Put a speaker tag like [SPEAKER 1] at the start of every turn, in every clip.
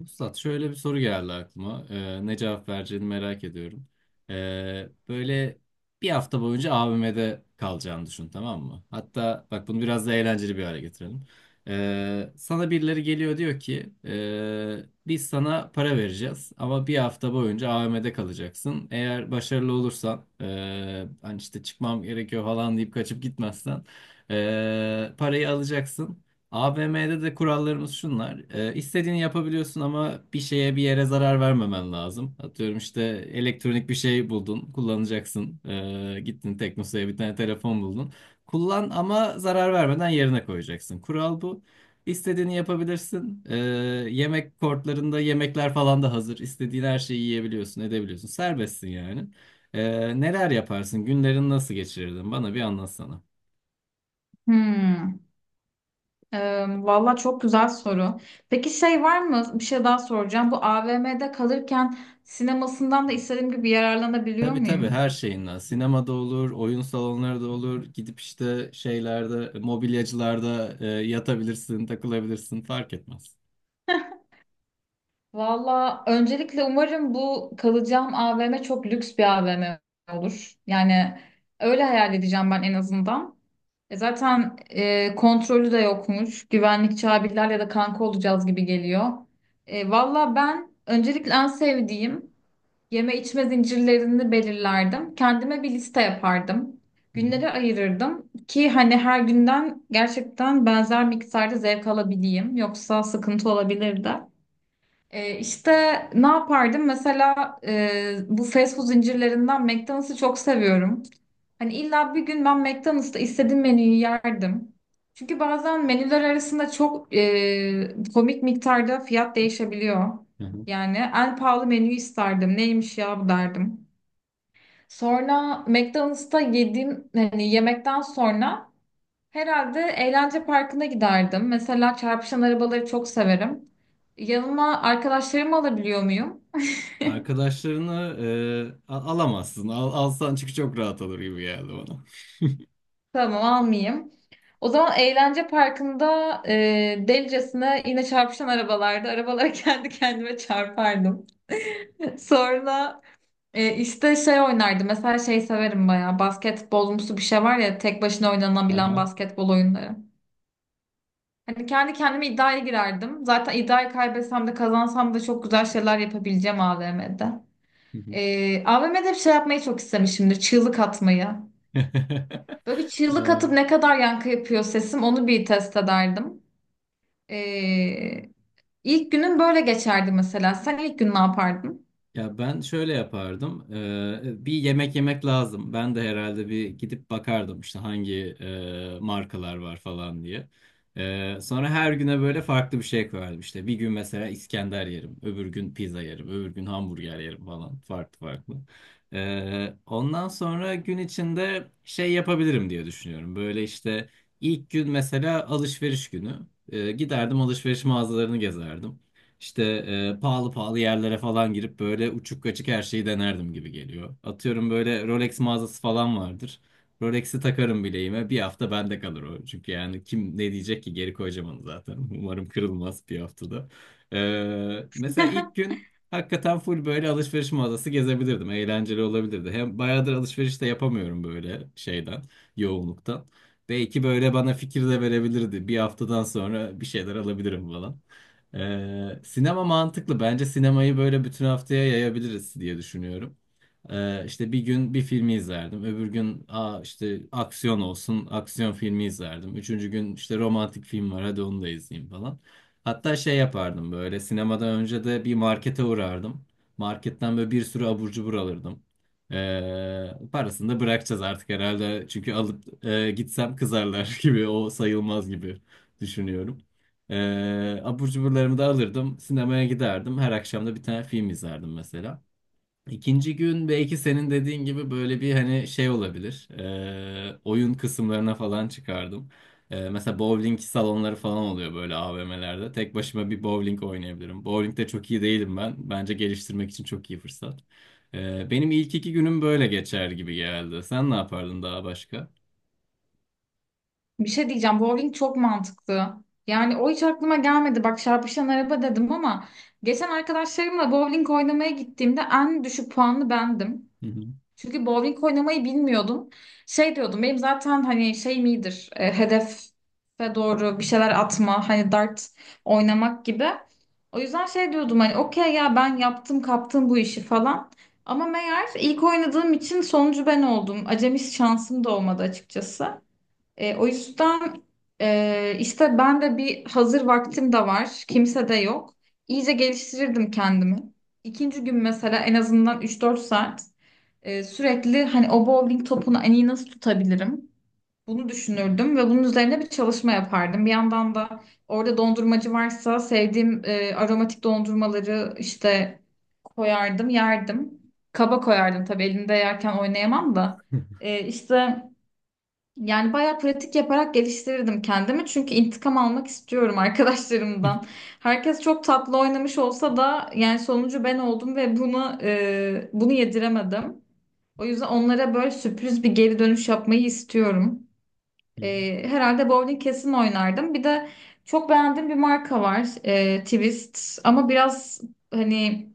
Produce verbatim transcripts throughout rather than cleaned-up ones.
[SPEAKER 1] Üstad şöyle bir soru geldi aklıma. Ee, ne cevap vereceğini merak ediyorum. Ee, böyle bir hafta boyunca A V M'de kalacağını düşün, tamam mı? Hatta bak, bunu biraz da eğlenceli bir hale getirelim. Ee, sana birileri geliyor, diyor ki "Ee, biz sana para vereceğiz ama bir hafta boyunca A V M'de kalacaksın. Eğer başarılı olursan ee, hani işte çıkmam gerekiyor falan deyip kaçıp gitmezsen ee, parayı alacaksın. A V M'de de kurallarımız şunlar. Ee, istediğini yapabiliyorsun ama bir şeye, bir yere zarar vermemen lazım. Atıyorum, işte elektronik bir şey buldun, kullanacaksın. Ee, gittin Teknosa'ya, bir tane telefon buldun. Kullan ama zarar vermeden yerine koyacaksın. Kural bu. İstediğini yapabilirsin. Ee, yemek kortlarında yemekler falan da hazır. İstediğin her şeyi yiyebiliyorsun, edebiliyorsun. Serbestsin yani. Ee, neler yaparsın? Günlerini nasıl geçirirdin? Bana bir anlatsana.
[SPEAKER 2] Hmm, e, Valla çok güzel soru. Peki şey var mı? Bir şey daha soracağım. Bu a v m'de kalırken sinemasından da istediğim gibi yararlanabiliyor
[SPEAKER 1] Tabii tabii,
[SPEAKER 2] muyum?
[SPEAKER 1] her şeyinden. Sinemada olur, oyun salonları da olur. Gidip işte şeylerde, mobilyacılarda e, yatabilirsin, takılabilirsin, fark etmez.
[SPEAKER 2] Valla öncelikle umarım bu kalacağım a v m çok lüks bir a v m olur. Yani öyle hayal edeceğim ben en azından. E zaten e, kontrolü de yokmuş. Güvenlikçi abilerle de kanka olacağız gibi geliyor. E, valla ben öncelikle en sevdiğim yeme içme zincirlerini belirlerdim. Kendime bir liste yapardım.
[SPEAKER 1] Hı hı.
[SPEAKER 2] Günleri ayırırdım ki hani her günden gerçekten benzer miktarda zevk alabileyim. Yoksa sıkıntı olabilirdi. Ee, işte ne yapardım? Mesela e, bu fast food zincirlerinden McDonald's'ı çok seviyorum. Hani illa bir gün ben McDonald's'ta istediğim menüyü yerdim. Çünkü bazen menüler arasında çok e, komik miktarda fiyat değişebiliyor.
[SPEAKER 1] Hı hı.
[SPEAKER 2] Yani en pahalı menüyü isterdim. Neymiş ya bu derdim. Sonra McDonald's'ta yediğim hani yemekten sonra herhalde eğlence parkına giderdim. Mesela çarpışan arabaları çok severim. Yanıma arkadaşlarımı alabiliyor muyum?
[SPEAKER 1] Arkadaşlarını e, a- alamazsın. Al, alsan çünkü çok rahat olur gibi geldi bana.
[SPEAKER 2] Tamam almayayım. O zaman eğlence parkında e, delicesine yine çarpışan arabalarda arabalara kendi kendime çarpardım. Sonra e, işte şey oynardım. Mesela şey severim bayağı. Basketbolumsu bir şey var ya tek başına oynanabilen
[SPEAKER 1] Aha.
[SPEAKER 2] basketbol oyunları. Hani kendi kendime iddiaya girerdim. Zaten iddiayı kaybetsem de kazansam da çok güzel şeyler yapabileceğim a v m'de.
[SPEAKER 1] Hı
[SPEAKER 2] E, a v m'de bir şey yapmayı çok istemişimdir. Çığlık atmayı. Böyle bir çığlık
[SPEAKER 1] hı.
[SPEAKER 2] atıp ne kadar yankı yapıyor sesim onu bir test ederdim. Ee, ilk günün böyle geçerdi mesela. Sen ilk gün ne yapardın?
[SPEAKER 1] Ya ben şöyle yapardım. Ee, bir yemek yemek lazım. Ben de herhalde bir gidip bakardım işte hangi e, markalar var falan diye. Ee, sonra her güne böyle farklı bir şey koyardım. İşte bir gün mesela İskender yerim, öbür gün pizza yerim, öbür gün hamburger yerim falan, farklı farklı. Ee, ondan sonra gün içinde şey yapabilirim diye düşünüyorum. Böyle işte ilk gün mesela alışveriş günü. Ee, giderdim, alışveriş mağazalarını gezerdim. İşte e, pahalı pahalı yerlere falan girip böyle uçuk kaçık her şeyi denerdim gibi geliyor. Atıyorum, böyle Rolex mağazası falan vardır. Rolex'i takarım bileğime. Bir hafta bende kalır o. Çünkü yani kim ne diyecek ki, geri koyacağım onu zaten. Umarım kırılmaz bir haftada. E, mesela ilk gün hakikaten full böyle alışveriş mağazası gezebilirdim. Eğlenceli olabilirdi. Hem bayağıdır alışveriş de yapamıyorum böyle şeyden, yoğunluktan. Belki böyle bana fikir de verebilirdi. Bir haftadan sonra bir şeyler alabilirim falan. Ee, sinema mantıklı. Bence sinemayı böyle bütün haftaya yayabiliriz diye düşünüyorum. Ee, işte bir gün bir filmi izlerdim. Öbür gün aa işte aksiyon olsun, aksiyon filmi izlerdim. Üçüncü gün işte romantik film var, hadi onu da izleyeyim falan. Hatta şey yapardım, böyle sinemadan önce de bir markete uğrardım. Marketten böyle bir sürü abur cubur alırdım. Ee, parasını da bırakacağız artık herhalde. Çünkü alıp e, gitsem kızarlar gibi, o sayılmaz gibi düşünüyorum. Ee, abur cuburlarımı da alırdım. Sinemaya giderdim. Her akşam da bir tane film izlerdim mesela. İkinci gün belki senin dediğin gibi böyle bir hani şey olabilir. Ee, oyun kısımlarına falan çıkardım. Ee, mesela bowling salonları falan oluyor böyle A V M'lerde. Tek başıma bir bowling oynayabilirim. Bowling'de çok iyi değilim ben. Bence geliştirmek için çok iyi fırsat. Ee, benim ilk iki günüm böyle geçer gibi geldi. Sen ne yapardın daha başka?
[SPEAKER 2] Bir şey diyeceğim. Bowling çok mantıklı. Yani o hiç aklıma gelmedi. Bak çarpışan araba dedim ama geçen arkadaşlarımla bowling oynamaya gittiğimde en düşük puanlı bendim.
[SPEAKER 1] Hı hı.
[SPEAKER 2] Çünkü bowling oynamayı bilmiyordum. Şey diyordum benim zaten hani şeyim iyidir. e, hedefe doğru bir şeyler atma hani dart oynamak gibi. O yüzden şey diyordum hani okey ya ben yaptım kaptım bu işi falan. Ama meğer ilk oynadığım için sonucu ben oldum. Acemi şansım da olmadı açıkçası. E, o yüzden e, işte ben de bir hazır vaktim de var. Kimse de yok. İyice geliştirirdim kendimi. İkinci gün mesela en azından üç dört saat e, sürekli hani o bowling topunu en iyi nasıl tutabilirim? Bunu düşünürdüm ve bunun üzerine bir çalışma yapardım. Bir yandan da orada dondurmacı varsa sevdiğim e, aromatik dondurmaları işte koyardım, yerdim. Kaba koyardım tabii elimde yerken oynayamam da. E, işte yani bayağı pratik yaparak geliştirirdim kendimi. Çünkü intikam almak istiyorum
[SPEAKER 1] Hı
[SPEAKER 2] arkadaşlarımdan. Herkes çok tatlı oynamış olsa da yani sonucu ben oldum ve bunu e, bunu yediremedim. O yüzden onlara böyle sürpriz bir geri dönüş yapmayı istiyorum.
[SPEAKER 1] hı.
[SPEAKER 2] Ee, herhalde bowling kesin oynardım. Bir de çok beğendiğim bir marka var. ee, Twist. Ama biraz hani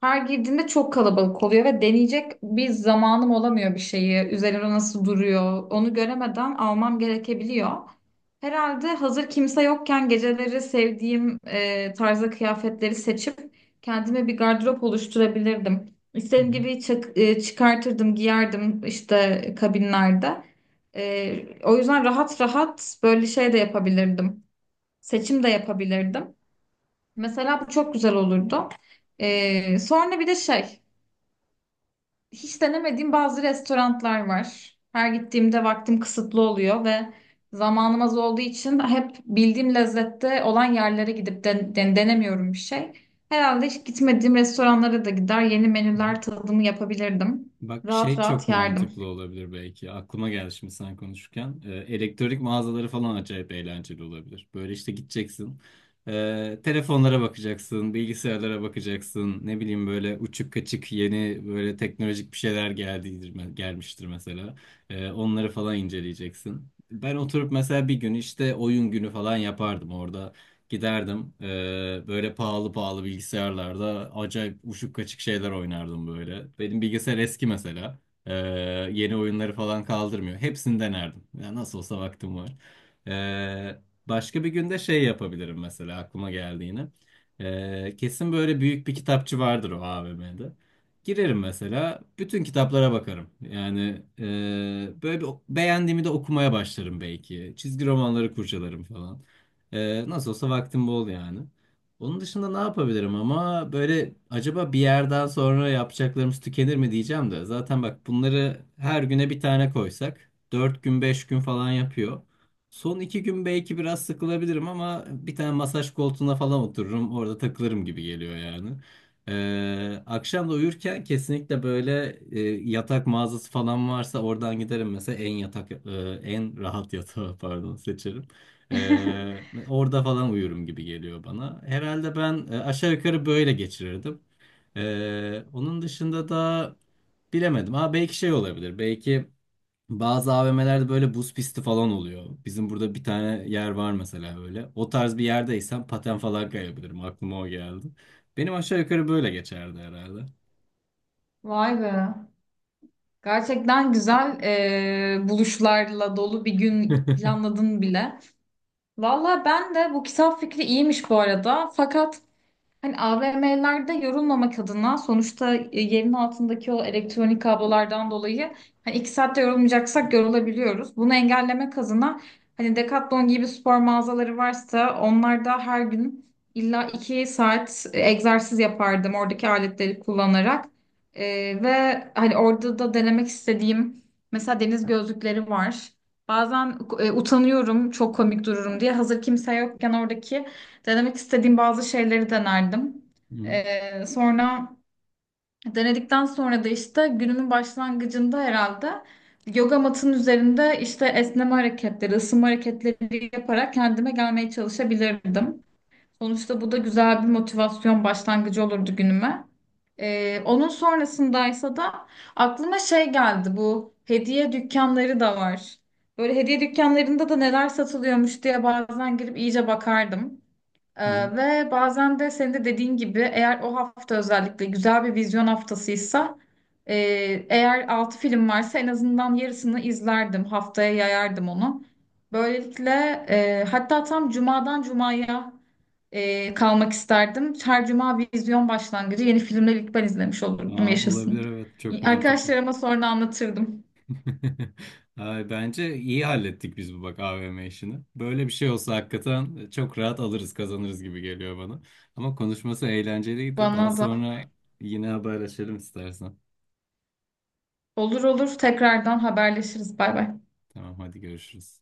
[SPEAKER 2] her girdiğimde çok kalabalık oluyor ve deneyecek bir zamanım olamıyor bir şeyi. Üzerine nasıl duruyor onu göremeden almam gerekebiliyor. Herhalde hazır kimse yokken geceleri sevdiğim e, tarzda kıyafetleri seçip kendime bir gardırop oluşturabilirdim.
[SPEAKER 1] Hı
[SPEAKER 2] İstediğim gibi çak- e, çıkartırdım, giyerdim işte kabinlerde. Ee, o yüzden rahat rahat böyle şey de yapabilirdim. Seçim de yapabilirdim. Mesela bu çok güzel olurdu. Ee, sonra bir de şey, hiç denemediğim bazı restoranlar var. Her gittiğimde vaktim kısıtlı oluyor ve zamanım az olduğu için hep bildiğim lezzette olan yerlere gidip den- den- denemiyorum bir şey. Herhalde hiç gitmediğim restoranlara da gider, yeni
[SPEAKER 1] hı.
[SPEAKER 2] menüler tadımı yapabilirdim.
[SPEAKER 1] Bak
[SPEAKER 2] Rahat
[SPEAKER 1] şey çok
[SPEAKER 2] rahat yerdim.
[SPEAKER 1] mantıklı olabilir belki. Aklıma geldi şimdi sen konuşurken. Ee, elektronik mağazaları falan acayip eğlenceli olabilir. Böyle işte gideceksin. Ee, telefonlara bakacaksın, bilgisayarlara bakacaksın. Ne bileyim, böyle uçuk kaçık yeni böyle teknolojik bir şeyler geldiğidir, gelmiştir mesela. Ee, onları falan inceleyeceksin. Ben oturup mesela bir gün işte oyun günü falan yapardım orada. Giderdim eee, böyle pahalı pahalı bilgisayarlarda acayip uçuk kaçık şeyler oynardım böyle. Benim bilgisayar eski mesela. Eee, Yeni oyunları falan kaldırmıyor. Hepsini denerdim. Ya nasıl olsa vaktim var. Eee, Başka bir günde şey yapabilirim mesela, aklıma geldi yine. Eee, kesin böyle büyük bir kitapçı vardır o A V M'de. Girerim mesela, bütün kitaplara bakarım. Yani eee, böyle bir, beğendiğimi de okumaya başlarım belki. Çizgi romanları kurcalarım falan. Ee, nasıl olsa vaktim bol yani. Onun dışında ne yapabilirim ama böyle, acaba bir yerden sonra yapacaklarımız tükenir mi diyeceğim de. Zaten bak bunları her güne bir tane koysak dört gün beş gün falan yapıyor. Son iki gün belki biraz sıkılabilirim ama bir tane masaj koltuğuna falan otururum, orada takılırım gibi geliyor yani. Ee, akşam da uyurken kesinlikle böyle e, yatak mağazası falan varsa oradan giderim mesela, en yatak e, en rahat yatağı pardon seçerim. Ee, orada falan uyurum gibi geliyor bana. Herhalde ben e, aşağı yukarı böyle geçirirdim. Ee, onun dışında da bilemedim. Ha belki şey olabilir. Belki bazı A V M'lerde böyle buz pisti falan oluyor. Bizim burada bir tane yer var mesela öyle. O tarz bir yerdeysem paten falan kayabilirim. Aklıma o geldi. Benim aşağı yukarı böyle geçerdi herhalde.
[SPEAKER 2] Vay be. Gerçekten güzel e, buluşlarla dolu bir gün planladın bile. Valla ben de bu kitap fikri iyiymiş bu arada. Fakat hani a v m'lerde yorulmamak adına sonuçta e, yerin altındaki o elektronik kablolardan dolayı hani iki saatte yorulmayacaksak yorulabiliyoruz. Bunu engellemek adına hani Decathlon gibi spor mağazaları varsa onlarda her gün illa iki saat e, egzersiz yapardım oradaki aletleri kullanarak. E, Ve hani orada da denemek istediğim mesela deniz gözlükleri var. Bazen e, utanıyorum çok komik dururum diye hazır kimse yokken oradaki denemek istediğim bazı şeyleri denerdim.
[SPEAKER 1] Hı hı,
[SPEAKER 2] Ee, sonra denedikten sonra da işte günümün başlangıcında herhalde yoga matının üzerinde işte esneme hareketleri, ısınma hareketleri yaparak kendime gelmeye çalışabilirdim. Sonuçta bu da güzel bir motivasyon başlangıcı olurdu günüme. Ee, onun sonrasındaysa da aklıma şey geldi bu hediye dükkanları da var. Böyle hediye dükkanlarında da neler satılıyormuş diye bazen girip iyice bakardım.
[SPEAKER 1] hı hı.
[SPEAKER 2] Ee, ve bazen de senin de dediğin gibi eğer o hafta özellikle güzel bir vizyon haftasıysa e, eğer altı film varsa en azından yarısını izlerdim. Haftaya yayardım onu. Böylelikle e, hatta tam cumadan cumaya e, kalmak isterdim. Her cuma vizyon başlangıcı yeni filmleri ilk ben izlemiş olurdum
[SPEAKER 1] Aa, olabilir
[SPEAKER 2] yaşasın.
[SPEAKER 1] evet, çok mantıklı.
[SPEAKER 2] Arkadaşlarıma sonra anlatırdım.
[SPEAKER 1] Ay, bence iyi hallettik biz bu bak A V M işini. Böyle bir şey olsa hakikaten çok rahat alırız, kazanırız gibi geliyor bana. Ama konuşması eğlenceliydi. Daha
[SPEAKER 2] Bana da.
[SPEAKER 1] sonra yine haberleşelim istersen.
[SPEAKER 2] Olur olur tekrardan haberleşiriz. Bay bay.
[SPEAKER 1] Tamam, hadi görüşürüz.